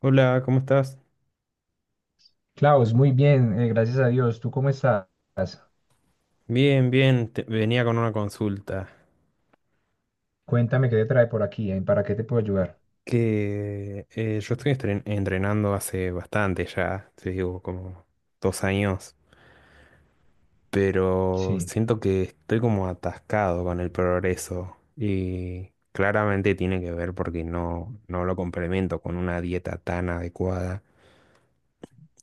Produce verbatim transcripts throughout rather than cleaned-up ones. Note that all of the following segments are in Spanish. Hola, ¿cómo estás? Klaus, muy bien, eh, gracias a Dios. ¿Tú cómo estás? Bien, bien, te- venía con una consulta. Cuéntame qué te trae por aquí. eh, ¿Para qué te puedo ayudar? Que eh, yo estoy estren- entrenando hace bastante ya, te digo, como dos años, pero Sí, siento que estoy como atascado con el progreso y claramente tiene que ver porque no, no lo complemento con una dieta tan adecuada.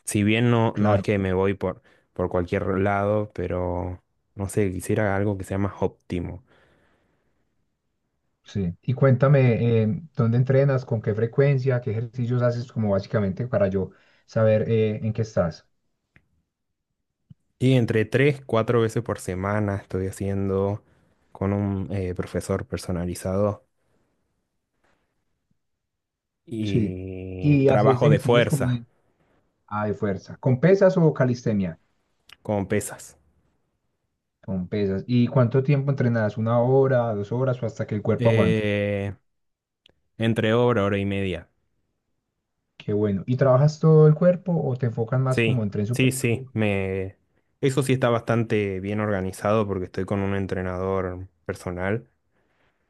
Si bien no, no es claro, que me voy por, por cualquier lado, pero no sé, quisiera algo que sea más óptimo. sí. Y cuéntame, eh, ¿dónde entrenas? ¿Con qué frecuencia? ¿Qué ejercicios haces? Como básicamente para yo saber eh, en qué estás. Y entre tres, cuatro veces por semana estoy haciendo con un eh, profesor personalizado Sí. y Y haces trabajo de ejercicios como fuerza de, ah, de fuerza. ¿Con pesas o calistenia? con pesas. Con pesas. ¿Y cuánto tiempo entrenas? ¿Una hora, dos horas o hasta que el cuerpo aguante? Eh, entre hora, hora y media. Qué bueno. ¿Y trabajas todo el cuerpo o te enfocas más Sí, como en tren sí, superior? sí. Me... Eso sí está bastante bien organizado porque estoy con un entrenador personal.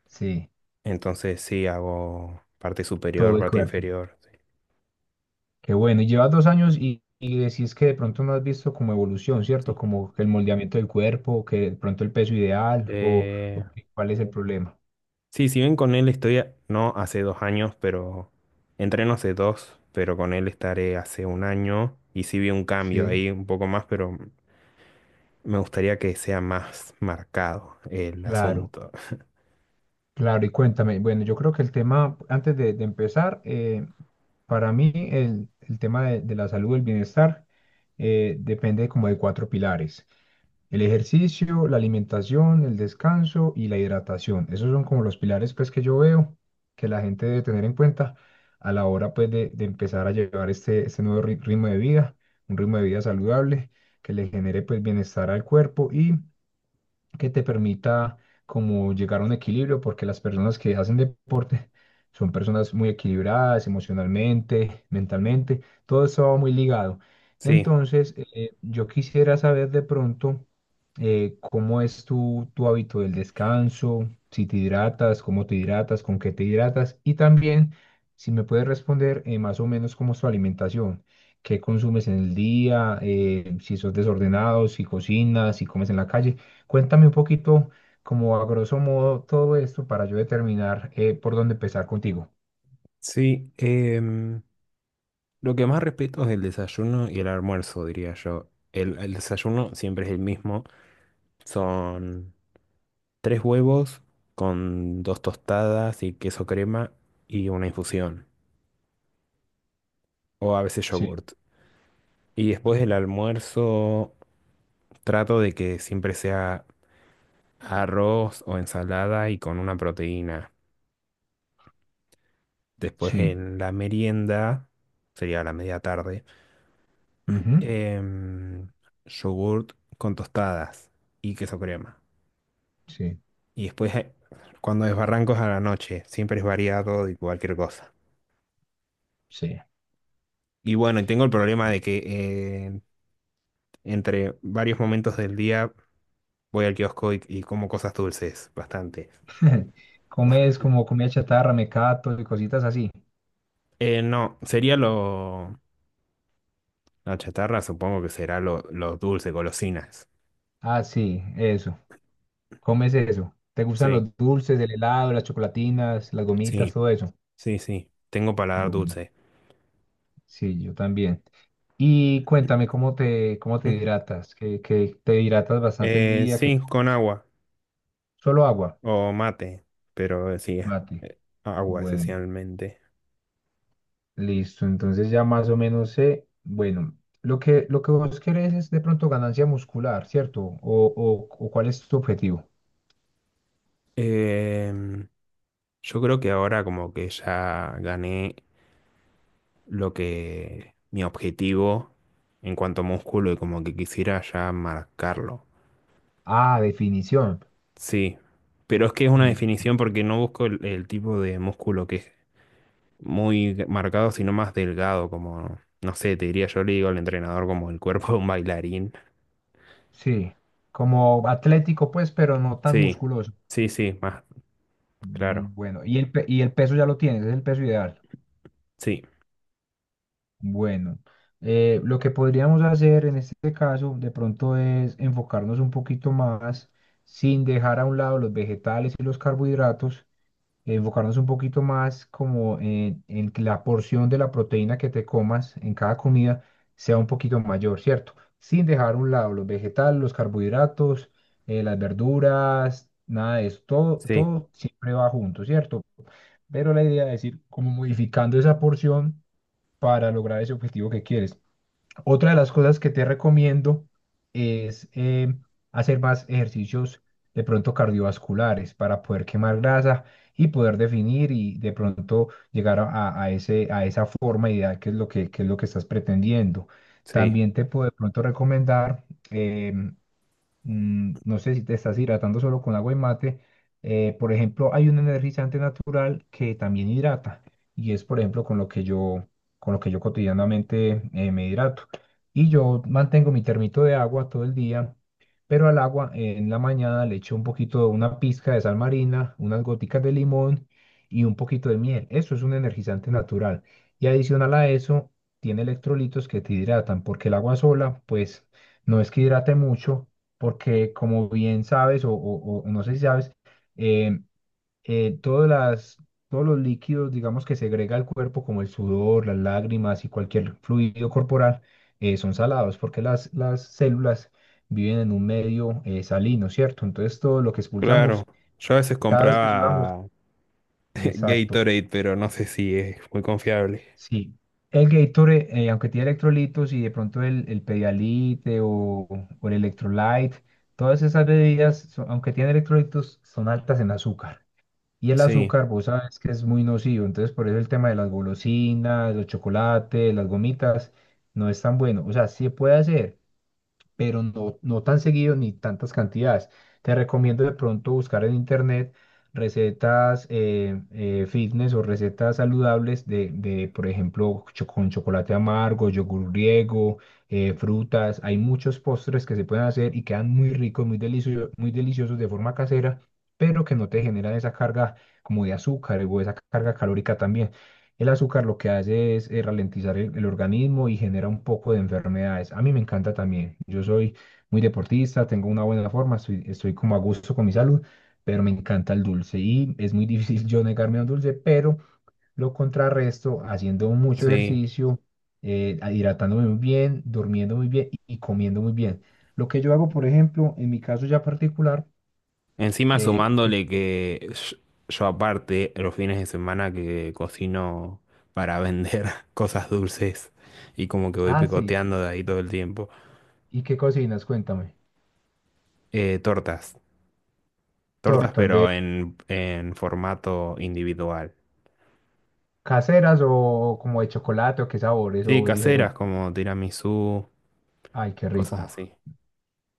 Sí, Entonces sí, hago parte superior, todo el parte cuerpo. inferior. Sí. Qué bueno, y llevas dos años y, y decís que de pronto no has visto como evolución, ¿cierto? Sí. Como que el moldeamiento del cuerpo, que de pronto el peso ideal o, o Eh, que- cuál es el problema. sí, si bien con él estoy, a- no hace dos años, pero entreno hace dos, pero con él estaré hace un año y sí vi un cambio Sí. ahí un poco más, pero me gustaría que sea más marcado el Claro, asunto. claro, y cuéntame, bueno, yo creo que el tema, antes de, de empezar, eh, para mí el, el tema de, de la salud, el bienestar, eh, depende como de cuatro pilares. El ejercicio, la alimentación, el descanso y la hidratación. Esos son como los pilares pues que yo veo que la gente debe tener en cuenta a la hora pues de, de empezar a llevar este, este nuevo ri- ritmo de vida, un ritmo de vida saludable que le genere pues bienestar al cuerpo y que te permita como llegar a un equilibrio, porque las personas que hacen deporte son personas muy equilibradas emocionalmente, mentalmente, todo eso va muy ligado. Sí, Entonces, eh, yo quisiera saber de pronto eh, cómo es tu, tu hábito del descanso, si te hidratas, cómo te hidratas, con qué te hidratas y también si me puedes responder eh, más o menos cómo es tu alimentación. ¿Qué consumes en el día? eh, si sos desordenado, si cocinas, si comes en la calle. Cuéntame un poquito, como a grosso modo, todo esto para yo determinar eh, por dónde empezar contigo. sí. em, lo que más respeto es el desayuno y el almuerzo, diría yo. El, el desayuno siempre es el mismo. Son tres huevos con dos tostadas y queso crema y una infusión, o a veces Sí, yogurt. Y después del almuerzo trato de que siempre sea arroz o ensalada y con una proteína. Después sí, en la merienda, sería la media tarde, ujú, em, yogurt con tostadas y queso crema. sí, Y después eh, cuando desbarranco es a la noche, siempre es variado de cualquier cosa. sí. Y bueno, y tengo el problema de que eh, entre varios momentos del día voy al kiosco y y como cosas dulces, bastante. Comes como comida chatarra, mecatos y cositas así. Eh, no, sería lo... La chatarra supongo que será lo, lo dulce, golosinas. Ah, sí, eso. Comes eso. ¿Te gustan Sí, los dulces, el helado, las chocolatinas, las gomitas, sí, todo eso? sí, sí. Tengo paladar Bueno, dulce. sí, yo también. Y cuéntame cómo te, cómo te Mm. hidratas, que, que te hidratas bastante el Eh, día, que sí, con tomas. agua Solo agua, o mate, pero eh, sí, mate. eh, agua Bueno. esencialmente. Listo, entonces ya más o menos sé, bueno, lo que, lo que vos querés es de pronto ganancia muscular, ¿cierto? O, o, o ¿cuál es tu objetivo? Em, yo creo que ahora como que ya gané lo que... mi objetivo en cuanto a músculo y como que quisiera ya marcarlo. Ah, definición. Sí, pero es que es una Listo. definición porque no busco el, el tipo de músculo que es muy marcado, sino más delgado, como, no sé, te diría yo, le digo al entrenador como el cuerpo de un bailarín. Sí, como atlético pues, pero no tan Sí, musculoso. sí, sí, más, claro. Mm, Bueno, y el, pe- y el peso ya lo tienes, es el peso ideal. Sí, Bueno, eh, lo que podríamos hacer en este caso de pronto es enfocarnos un poquito más sin dejar a un lado los vegetales y los carbohidratos eh, enfocarnos un poquito más como en, en que la porción de la proteína que te comas en cada comida sea un poquito mayor, ¿cierto? Sin dejar a un lado los vegetales, los carbohidratos, eh, las verduras, nada de eso, todo, sí, todo siempre va junto, ¿cierto? Pero la idea es ir como modificando esa porción para lograr ese objetivo que quieres. Otra de las cosas que te recomiendo es eh, hacer más ejercicios de pronto cardiovasculares para poder quemar grasa y poder definir y de pronto llegar a, a- a ese, a esa forma ideal que es lo que, que es lo que estás pretendiendo. sí, También te puedo de pronto recomendar em, mm, no sé si te estás hidratando solo con agua y mate. eh, por ejemplo, hay un energizante natural que también hidrata y es, por ejemplo, con lo que yo, con lo que yo cotidianamente eh, me hidrato. Y yo mantengo mi termito de agua todo el día, pero al agua eh, en la mañana le echo un poquito, una pizca de sal marina, unas goticas de limón y un poquito de miel. Eso es un energizante natural. Y adicional a eso, tiene electrolitos que te hidratan, porque el agua sola, pues, no es que hidrate mucho porque como bien sabes, o, o- o no sé si sabes, eh, eh, todas las, todos los líquidos, digamos, que segrega el cuerpo, como el sudor, las lágrimas y cualquier fluido corporal, eh, son salados, porque las, las células viven en un medio eh, salino, ¿cierto? Entonces todo lo que claro. expulsamos Yo a veces cada vez que sudamos. compraba Exacto. Gatorade, pero no sé si es muy confiable. Sí, el Gatorade, eh, aunque tiene electrolitos y de pronto el, el Pedialyte o, o el Electrolyte, todas esas bebidas, son- aunque tienen electrolitos, son altas en azúcar. Y el Sí, azúcar, vos sabes que es muy nocivo, entonces por eso el tema de las golosinas, los chocolates, las gomitas, no es tan bueno. O sea, sí puede hacer, pero no, no tan seguido ni tantas cantidades. Te recomiendo de pronto buscar en internet recetas eh, eh, fitness o recetas saludables de, de, por ejemplo, cho- con chocolate amargo, yogur griego, eh, frutas. Hay muchos postres que se pueden hacer y quedan muy ricos, muy deliciosos, muy deliciosos de forma casera, pero que no te generan esa carga como de azúcar o esa carga calórica también. El azúcar lo que hace es eh, ralentizar el, el organismo y genera un poco de enfermedades. A mí me encanta también. Yo soy muy deportista, tengo una buena forma, estoy, estoy como a gusto con mi salud, pero me encanta el dulce y es muy difícil yo negarme a un dulce, pero lo contrarresto haciendo mucho sí. ejercicio, eh, a- hidratándome muy bien, durmiendo muy bien y, y comiendo muy bien. Lo que yo hago, por ejemplo, en mi caso ya particular. Encima eh, que- sumándole que yo, yo aparte, los fines de semana que cocino para vender cosas dulces y como que voy ah, sí, picoteando de ahí todo el tiempo. ¿y qué cocinas? Cuéntame. Eh, tortas. Tortas, Tortas de, pero en, en formato individual. ¿caseras o como de chocolate o qué sabores Sí, o caseras diferentes? como tiramisú, Ay, qué cosas rico. así.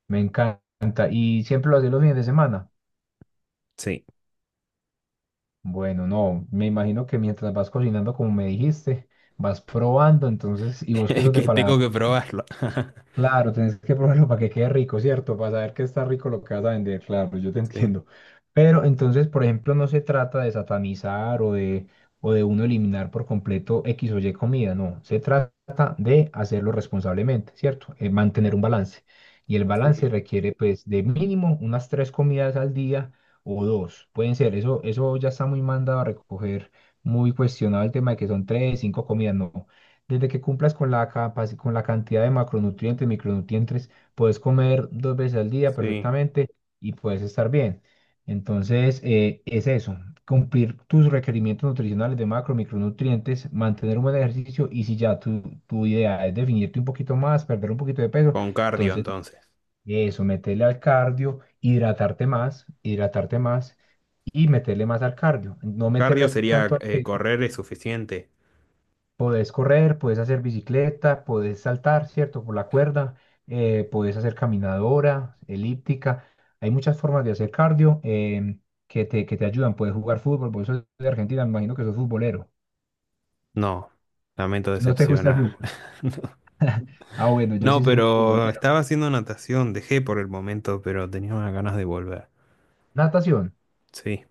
Me encanta. ¿Y siempre lo haces los fines de semana? Sí, Bueno, no, me imagino que mientras vas cocinando, como me dijiste, vas probando, entonces, y vos que es sos de que paladar. tengo que probarlo. Claro, tenés que probarlo para que quede rico, ¿cierto? Para saber que está rico lo que vas a vender, claro, yo te Sí, entiendo. Pero entonces, por ejemplo, no se trata de satanizar o de, o de uno eliminar por completo X o Y comida, no. Se trata de hacerlo responsablemente, ¿cierto? Eh, mantener un balance. Y el balance sí, requiere, pues, de mínimo unas tres comidas al día o dos. Pueden ser, eso, eso ya está muy mandado a recoger, muy cuestionado el tema de que son tres, cinco comidas, no. Desde que cumplas con la capaci- con la cantidad de macronutrientes, micronutrientes, puedes comer dos veces al día sí. perfectamente y puedes estar bien. Entonces, eh, es eso, cumplir tus requerimientos nutricionales de macro, micronutrientes, mantener un buen ejercicio y si ya tu, tu idea es definirte un poquito más, perder un poquito de peso, Con cardio entonces entonces. eso, meterle al cardio, hidratarte más, hidratarte más y meterle más al cardio, no Cardio meterle sería tanto al eh, peso. correr es suficiente. Podés correr, podés hacer bicicleta, podés saltar, ¿cierto? Por la cuerda, eh, podés hacer caminadora, elíptica. Hay muchas formas de hacer cardio em, que te, que te ayudan. Puedes jugar fútbol, por eso sos de Argentina, me imagino que sos futbolero. No, lamento ¿No te gusta el decepcionar. fútbol? Ah, bueno, yo No, no, sí soy muy pero futbolero. estaba haciendo natación, dejé por el momento, pero tenía unas ganas de volver. Natación. Sí,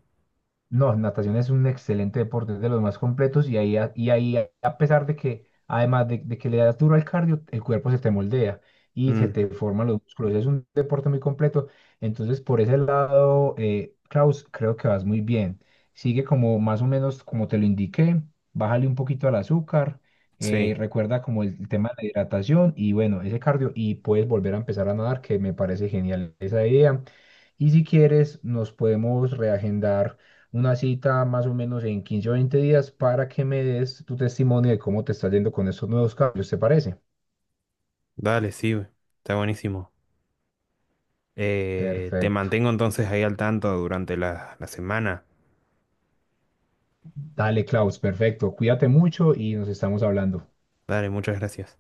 No, natación es un excelente deporte, es de los más completos y ahí, a- y ahí a a pesar de que, además de, de que le das duro al cardio, el cuerpo se te moldea y se mm, te forman los músculos. Es un deporte muy completo. Entonces, por ese lado, eh, Klaus, creo que vas muy bien. Sigue como más o menos como te lo indiqué, bájale un poquito al azúcar, eh, sí. recuerda como el tema de la hidratación y bueno, ese cardio y puedes volver a empezar a nadar, que me parece genial esa idea. Y si quieres, nos podemos reagendar una cita más o menos en quince o veinte días para que me des tu testimonio de cómo te está yendo con estos nuevos cambios, ¿te parece? Dale, sí, está buenísimo. Eh, te Perfecto. mantengo entonces ahí al tanto durante la, la semana. Dale, Klaus, perfecto. Cuídate mucho y nos estamos hablando. Dale, muchas gracias.